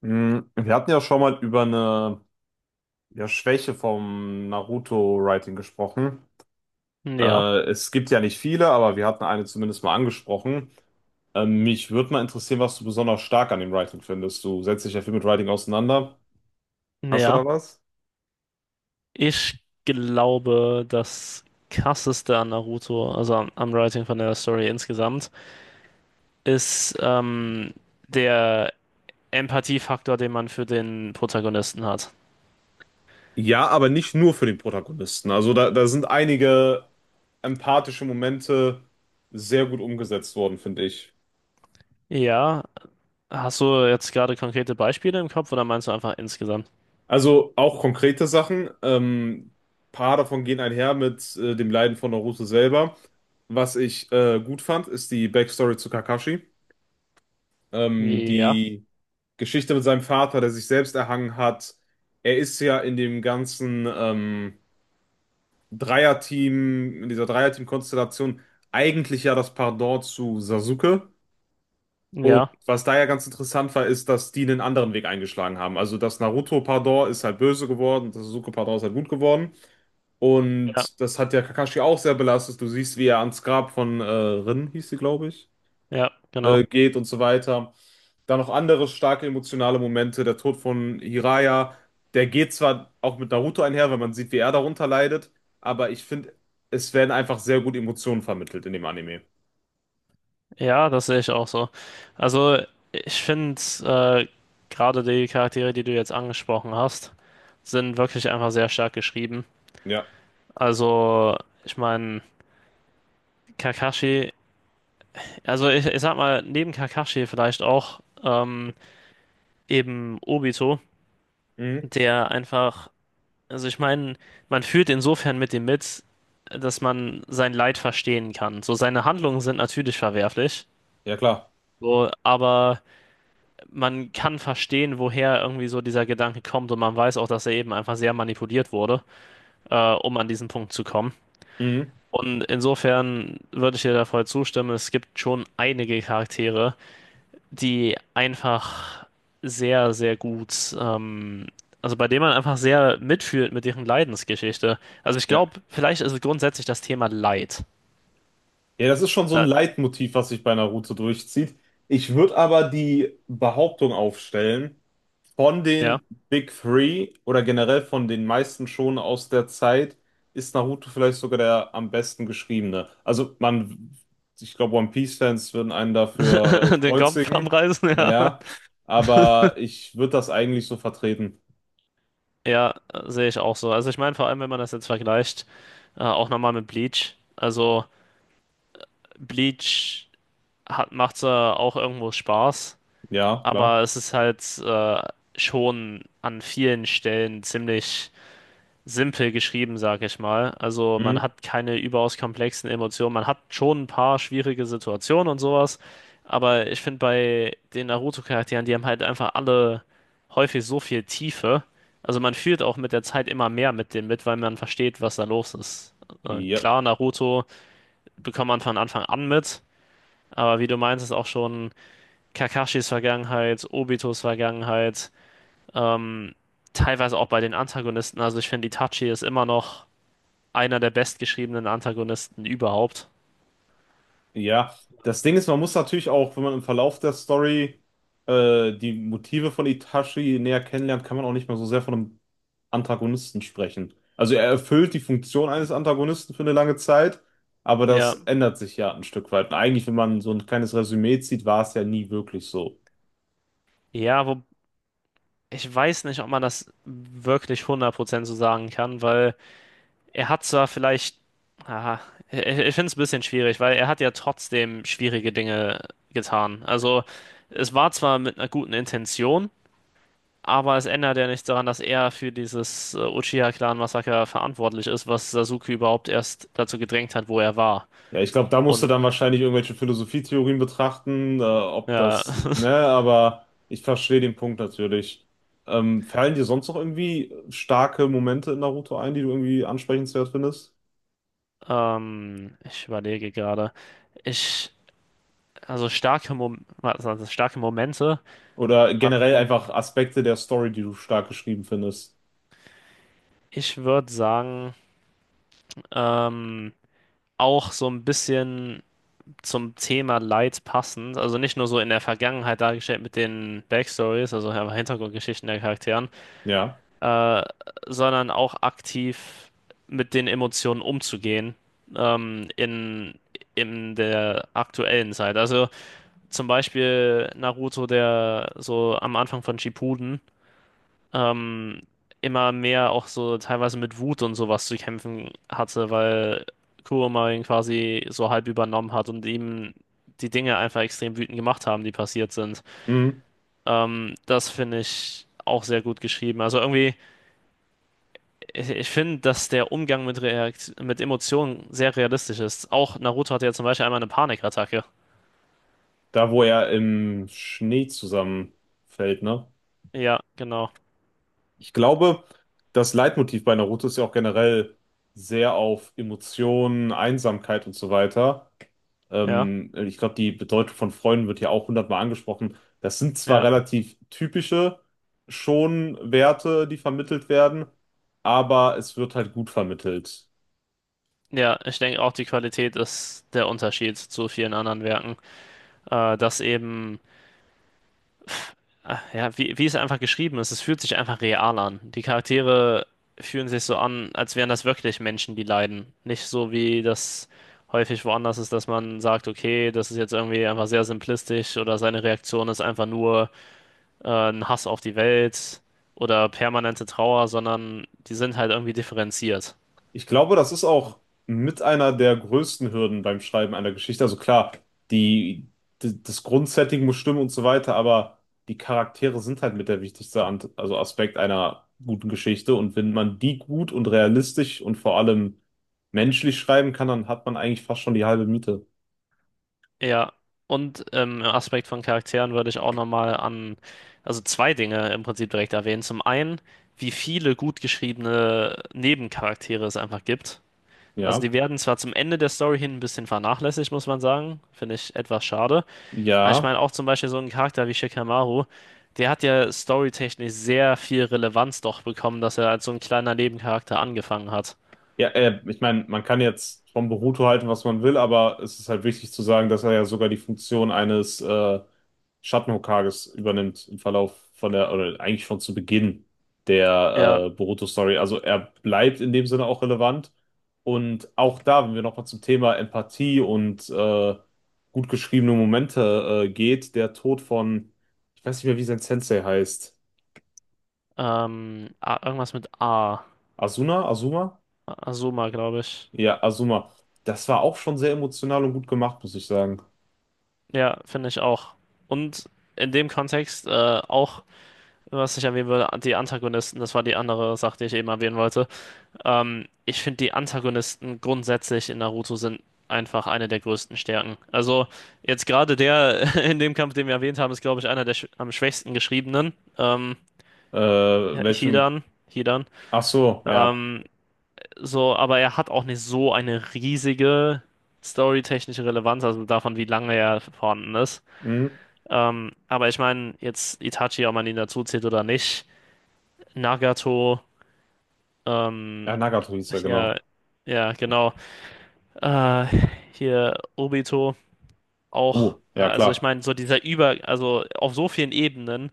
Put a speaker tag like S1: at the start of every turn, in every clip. S1: Wir hatten ja schon mal über eine ja, Schwäche vom Naruto-Writing gesprochen.
S2: Ja,
S1: Es gibt ja nicht viele, aber wir hatten eine zumindest mal angesprochen. Mich würde mal interessieren, was du besonders stark an dem Writing findest. Du setzt dich ja viel mit Writing auseinander. Hast du da
S2: ja.
S1: was?
S2: Ich glaube, das krasseste an Naruto, also am Writing von der Story insgesamt, ist der Empathiefaktor, den man für den Protagonisten hat.
S1: Ja, aber nicht nur für den Protagonisten. Also da sind einige empathische Momente sehr gut umgesetzt worden, finde ich.
S2: Ja, hast du jetzt gerade konkrete Beispiele im Kopf oder meinst du einfach insgesamt?
S1: Also auch konkrete Sachen. Paar davon gehen einher mit dem Leiden von Naruto selber. Was ich gut fand, ist die Backstory zu Kakashi.
S2: Ja,
S1: Die Geschichte mit seinem Vater, der sich selbst erhangen hat. Er ist ja in dem ganzen Dreierteam, in dieser Dreierteam-Konstellation eigentlich ja das Pendant zu Sasuke. Und
S2: ja,
S1: was da ja ganz interessant war, ist, dass die einen anderen Weg eingeschlagen haben. Also das Naruto Pardor ist halt böse geworden, das Sasuke Pardor ist halt gut geworden.
S2: ja,
S1: Und das hat ja Kakashi auch sehr belastet. Du siehst, wie er ans Grab von Rin, hieß sie, glaube ich,
S2: ja, genau.
S1: geht und so weiter. Dann noch andere starke emotionale Momente. Der Tod von Jiraiya, der geht zwar auch mit Naruto einher, weil man sieht, wie er darunter leidet, aber ich finde, es werden einfach sehr gut Emotionen vermittelt in dem Anime.
S2: Ja, das sehe ich auch so. Also, ich finde, gerade die Charaktere, die du jetzt angesprochen hast, sind wirklich einfach sehr stark geschrieben.
S1: Ja.
S2: Also, ich meine, Kakashi, also ich sag mal, neben Kakashi vielleicht auch eben Obito,
S1: Mhm.
S2: der einfach, also ich meine, man fühlt insofern mit dem mit, dass man sein Leid verstehen kann. So, seine Handlungen sind natürlich verwerflich,
S1: Ja, klar.
S2: so, aber man kann verstehen, woher irgendwie so dieser Gedanke kommt und man weiß auch, dass er eben einfach sehr manipuliert wurde, um an diesen Punkt zu kommen.
S1: Mhm.
S2: Und insofern würde ich dir da voll zustimmen. Es gibt schon einige Charaktere, die einfach sehr, sehr gut, also bei denen man einfach sehr mitfühlt mit deren Leidensgeschichte. Also ich
S1: Ja.
S2: glaube, vielleicht ist es grundsätzlich das Thema Leid.
S1: Ja, das ist schon
S2: So,
S1: so ein
S2: Da,
S1: Leitmotiv, was sich bei Naruto durchzieht. Ich würde aber die Behauptung aufstellen, von
S2: ja,
S1: den Big Three oder generell von den meisten Shonen aus der Zeit ist Naruto vielleicht sogar der am besten geschriebene. Also man, ich glaube, One Piece-Fans würden einen dafür
S2: den Kopf am
S1: kreuzigen.
S2: Reißen, ja.
S1: Naja, aber ich würde das eigentlich so vertreten.
S2: Ja, sehe ich auch so. Also ich meine, vor allem, wenn man das jetzt vergleicht, auch nochmal mit Bleach. Also Bleach hat, macht zwar auch irgendwo Spaß,
S1: Ja, klar.
S2: aber es ist halt schon an vielen Stellen ziemlich simpel geschrieben, sag ich mal. Also man
S1: Mhm.
S2: hat keine überaus komplexen Emotionen. Man hat schon ein paar schwierige Situationen und sowas. Aber ich finde bei den Naruto-Charakteren, die haben halt einfach alle häufig so viel Tiefe. Also man fühlt auch mit der Zeit immer mehr mit denen mit, weil man versteht, was da los ist.
S1: Ja.
S2: Klar, Naruto bekommt man von Anfang an mit. Aber wie du meinst, ist auch schon Kakashis Vergangenheit, Obitos Vergangenheit, ähm, teilweise auch bei den Antagonisten. Also ich finde, Itachi ist immer noch einer der bestgeschriebenen Antagonisten überhaupt.
S1: Ja, das Ding ist, man muss natürlich auch, wenn man im Verlauf der Story die Motive von Itachi näher kennenlernt, kann man auch nicht mehr so sehr von einem Antagonisten sprechen. Also er erfüllt die Funktion eines Antagonisten für eine lange Zeit, aber das
S2: Ja,
S1: ändert sich ja ein Stück weit. Und eigentlich, wenn man so ein kleines Resümee zieht, war es ja nie wirklich so.
S2: ja, wo ich weiß nicht, ob man das wirklich 100% so sagen kann, weil er hat zwar vielleicht, ah, ich finde es ein bisschen schwierig, weil er hat ja trotzdem schwierige Dinge getan. Also es war zwar mit einer guten Intention, aber es ändert ja nichts daran, dass er für dieses Uchiha-Clan-Massaker verantwortlich ist, was Sasuke überhaupt erst dazu gedrängt hat, wo er war.
S1: Ja, ich glaube, da musst du
S2: Und
S1: dann wahrscheinlich irgendwelche Philosophietheorien betrachten, ob
S2: ja,
S1: das, ne, aber ich verstehe den Punkt natürlich. Fallen dir sonst noch irgendwie starke Momente in Naruto ein, die du irgendwie ansprechenswert findest?
S2: ich überlege gerade. Ich, also starke Momente.
S1: Oder
S2: Äh,
S1: generell einfach Aspekte der Story, die du stark geschrieben findest?
S2: Ich würde sagen, ähm, auch so ein bisschen zum Thema Leid passend. Also nicht nur so in der Vergangenheit dargestellt mit den Backstories, also einfach Hintergrundgeschichten der Charakteren,
S1: Ja.
S2: äh, sondern auch aktiv mit den Emotionen umzugehen, ähm, in, in der aktuellen Zeit. Also zum Beispiel Naruto, der so am Anfang von Shippuden ähm, immer mehr auch so teilweise mit Wut und sowas zu kämpfen hatte, weil Kurama ihn quasi so halb übernommen hat und ihm die Dinge einfach extrem wütend gemacht haben, die passiert sind.
S1: Mhm.
S2: Das finde ich auch sehr gut geschrieben. Also irgendwie, ich finde, dass der Umgang mit Reakt mit Emotionen sehr realistisch ist. Auch Naruto hatte ja zum Beispiel einmal eine Panikattacke.
S1: Da, wo er im Schnee zusammenfällt, ne?
S2: Ja, genau.
S1: Ich glaube, das Leitmotiv bei Naruto ist ja auch generell sehr auf Emotionen, Einsamkeit und so weiter.
S2: Ja.
S1: Ich glaube, die Bedeutung von Freunden wird hier auch hundertmal angesprochen. Das sind zwar
S2: Ja.
S1: relativ typische schon Werte, die vermittelt werden, aber es wird halt gut vermittelt.
S2: Ja, ich denke auch, die Qualität ist der Unterschied zu vielen anderen Werken. Dass eben, ja, wie es einfach geschrieben ist, es fühlt sich einfach real an. Die Charaktere fühlen sich so an, als wären das wirklich Menschen, die leiden. Nicht so wie das häufig woanders ist, dass man sagt, okay, das ist jetzt irgendwie einfach sehr simplistisch oder seine Reaktion ist einfach nur ein Hass auf die Welt oder permanente Trauer, sondern die sind halt irgendwie differenziert.
S1: Ich glaube, das ist auch mit einer der größten Hürden beim Schreiben einer Geschichte. Also klar, die, das Grundsetting muss stimmen und so weiter, aber die Charaktere sind halt mit der wichtigste also Aspekt einer guten Geschichte. Und wenn man die gut und realistisch und vor allem menschlich schreiben kann, dann hat man eigentlich fast schon die halbe Miete.
S2: Ja, und im Aspekt von Charakteren würde ich auch nochmal also zwei Dinge im Prinzip direkt erwähnen. Zum einen, wie viele gut geschriebene Nebencharaktere es einfach gibt. Also
S1: Ja,
S2: die werden zwar zum Ende der Story hin ein bisschen vernachlässigt, muss man sagen. Finde ich etwas schade. Aber ich
S1: ja.
S2: meine auch zum Beispiel so einen Charakter wie Shikamaru, der hat ja storytechnisch sehr viel Relevanz doch bekommen, dass er als so ein kleiner Nebencharakter angefangen hat.
S1: Ja, ich meine, man kann jetzt von Boruto halten, was man will, aber es ist halt wichtig zu sagen, dass er ja sogar die Funktion eines Schattenhokages übernimmt im Verlauf von der, oder eigentlich schon zu Beginn
S2: Ja,
S1: der Boruto-Story. Also er bleibt in dem Sinne auch relevant. Und auch da, wenn wir nochmal zum Thema Empathie und gut geschriebene Momente geht, der Tod von, ich weiß nicht mehr, wie sein Sensei heißt.
S2: irgendwas mit A.
S1: Asuna? Azuma?
S2: Azuma, glaube ich.
S1: Ja, Azuma, das war auch schon sehr emotional und gut gemacht, muss ich sagen.
S2: Ja, finde ich auch. Und in dem Kontext auch, was ich erwähnen würde, die Antagonisten, das war die andere Sache, die ich eben erwähnen wollte. Ich finde, die Antagonisten grundsätzlich in Naruto sind einfach eine der größten Stärken. Also jetzt gerade der in dem Kampf, den wir erwähnt haben, ist, glaube ich, einer der sch am schwächsten geschriebenen.
S1: Welchen?
S2: Hidan, Hidan.
S1: Ach so, ja.
S2: Ähm, so, aber er hat auch nicht so eine riesige storytechnische Relevanz, also davon, wie lange er vorhanden ist.
S1: Hm?
S2: Aber ich meine, jetzt Itachi, ob man ihn dazu zählt oder nicht, Nagato, ähm,
S1: Ja, Nagato hieß er,
S2: ja,
S1: genau.
S2: ja, genau, äh, hier Obito auch,
S1: Oh, ja,
S2: also ich
S1: klar.
S2: meine, so dieser also auf so vielen Ebenen,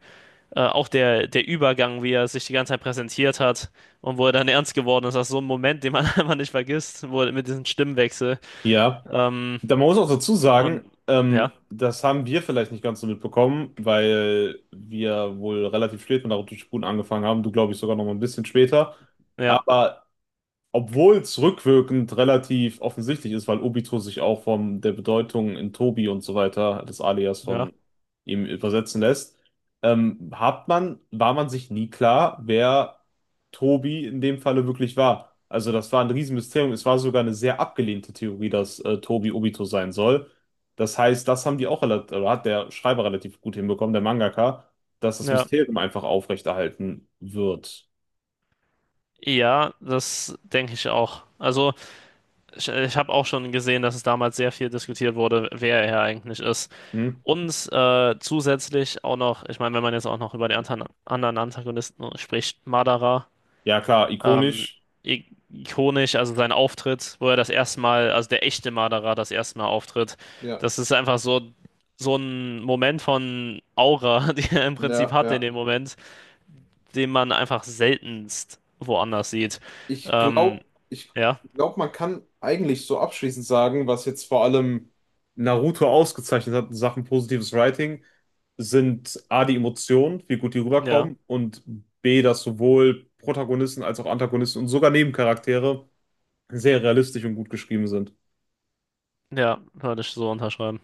S2: auch der Übergang, wie er sich die ganze Zeit präsentiert hat und wo er dann ernst geworden ist, das ist so ein Moment, den man einfach nicht vergisst, wo er mit diesem Stimmwechsel,
S1: Ja.
S2: ähm,
S1: Da man muss auch dazu sagen,
S2: und ja,
S1: das haben wir vielleicht nicht ganz so mitbekommen, weil wir wohl relativ spät mit Naruto Shippuden angefangen haben. Du, glaube ich, sogar noch mal ein bisschen später.
S2: ja,
S1: Aber obwohl es rückwirkend relativ offensichtlich ist, weil Obito sich auch von der Bedeutung in Tobi und so weiter, des Alias
S2: ja,
S1: von ihm übersetzen lässt, hat man, war man sich nie klar, wer Tobi in dem Falle wirklich war. Also das war ein Riesenmysterium. Es war sogar eine sehr abgelehnte Theorie, dass Tobi Obito sein soll. Das heißt, das haben die auch relativ, oder hat der Schreiber relativ gut hinbekommen, der Mangaka, dass das
S2: ja,
S1: Mysterium einfach aufrechterhalten wird.
S2: ja, das denke ich auch. Also, Ich habe auch schon gesehen, dass es damals sehr viel diskutiert wurde, wer er eigentlich ist.
S1: Hm?
S2: Und zusätzlich auch noch, ich meine, wenn man jetzt auch noch über die anderen Antagonisten spricht, Madara,
S1: Ja, klar,
S2: ähm,
S1: ikonisch.
S2: i- ikonisch, also sein Auftritt, wo er das erste Mal, also der echte Madara das erste Mal auftritt,
S1: Ja.
S2: das ist einfach so, so ein Moment von Aura, die er im Prinzip
S1: Ja,
S2: hat in
S1: ja.
S2: dem Moment, den man einfach seltenst woanders sieht.
S1: Ich
S2: Ähm,
S1: glaube,
S2: ja,
S1: man kann eigentlich so abschließend sagen, was jetzt vor allem Naruto ausgezeichnet hat in Sachen positives Writing, sind A, die Emotionen, wie gut die
S2: ja,
S1: rüberkommen, und B, dass sowohl Protagonisten als auch Antagonisten und sogar Nebencharaktere sehr realistisch und gut geschrieben sind.
S2: ja, würde ich so unterschreiben.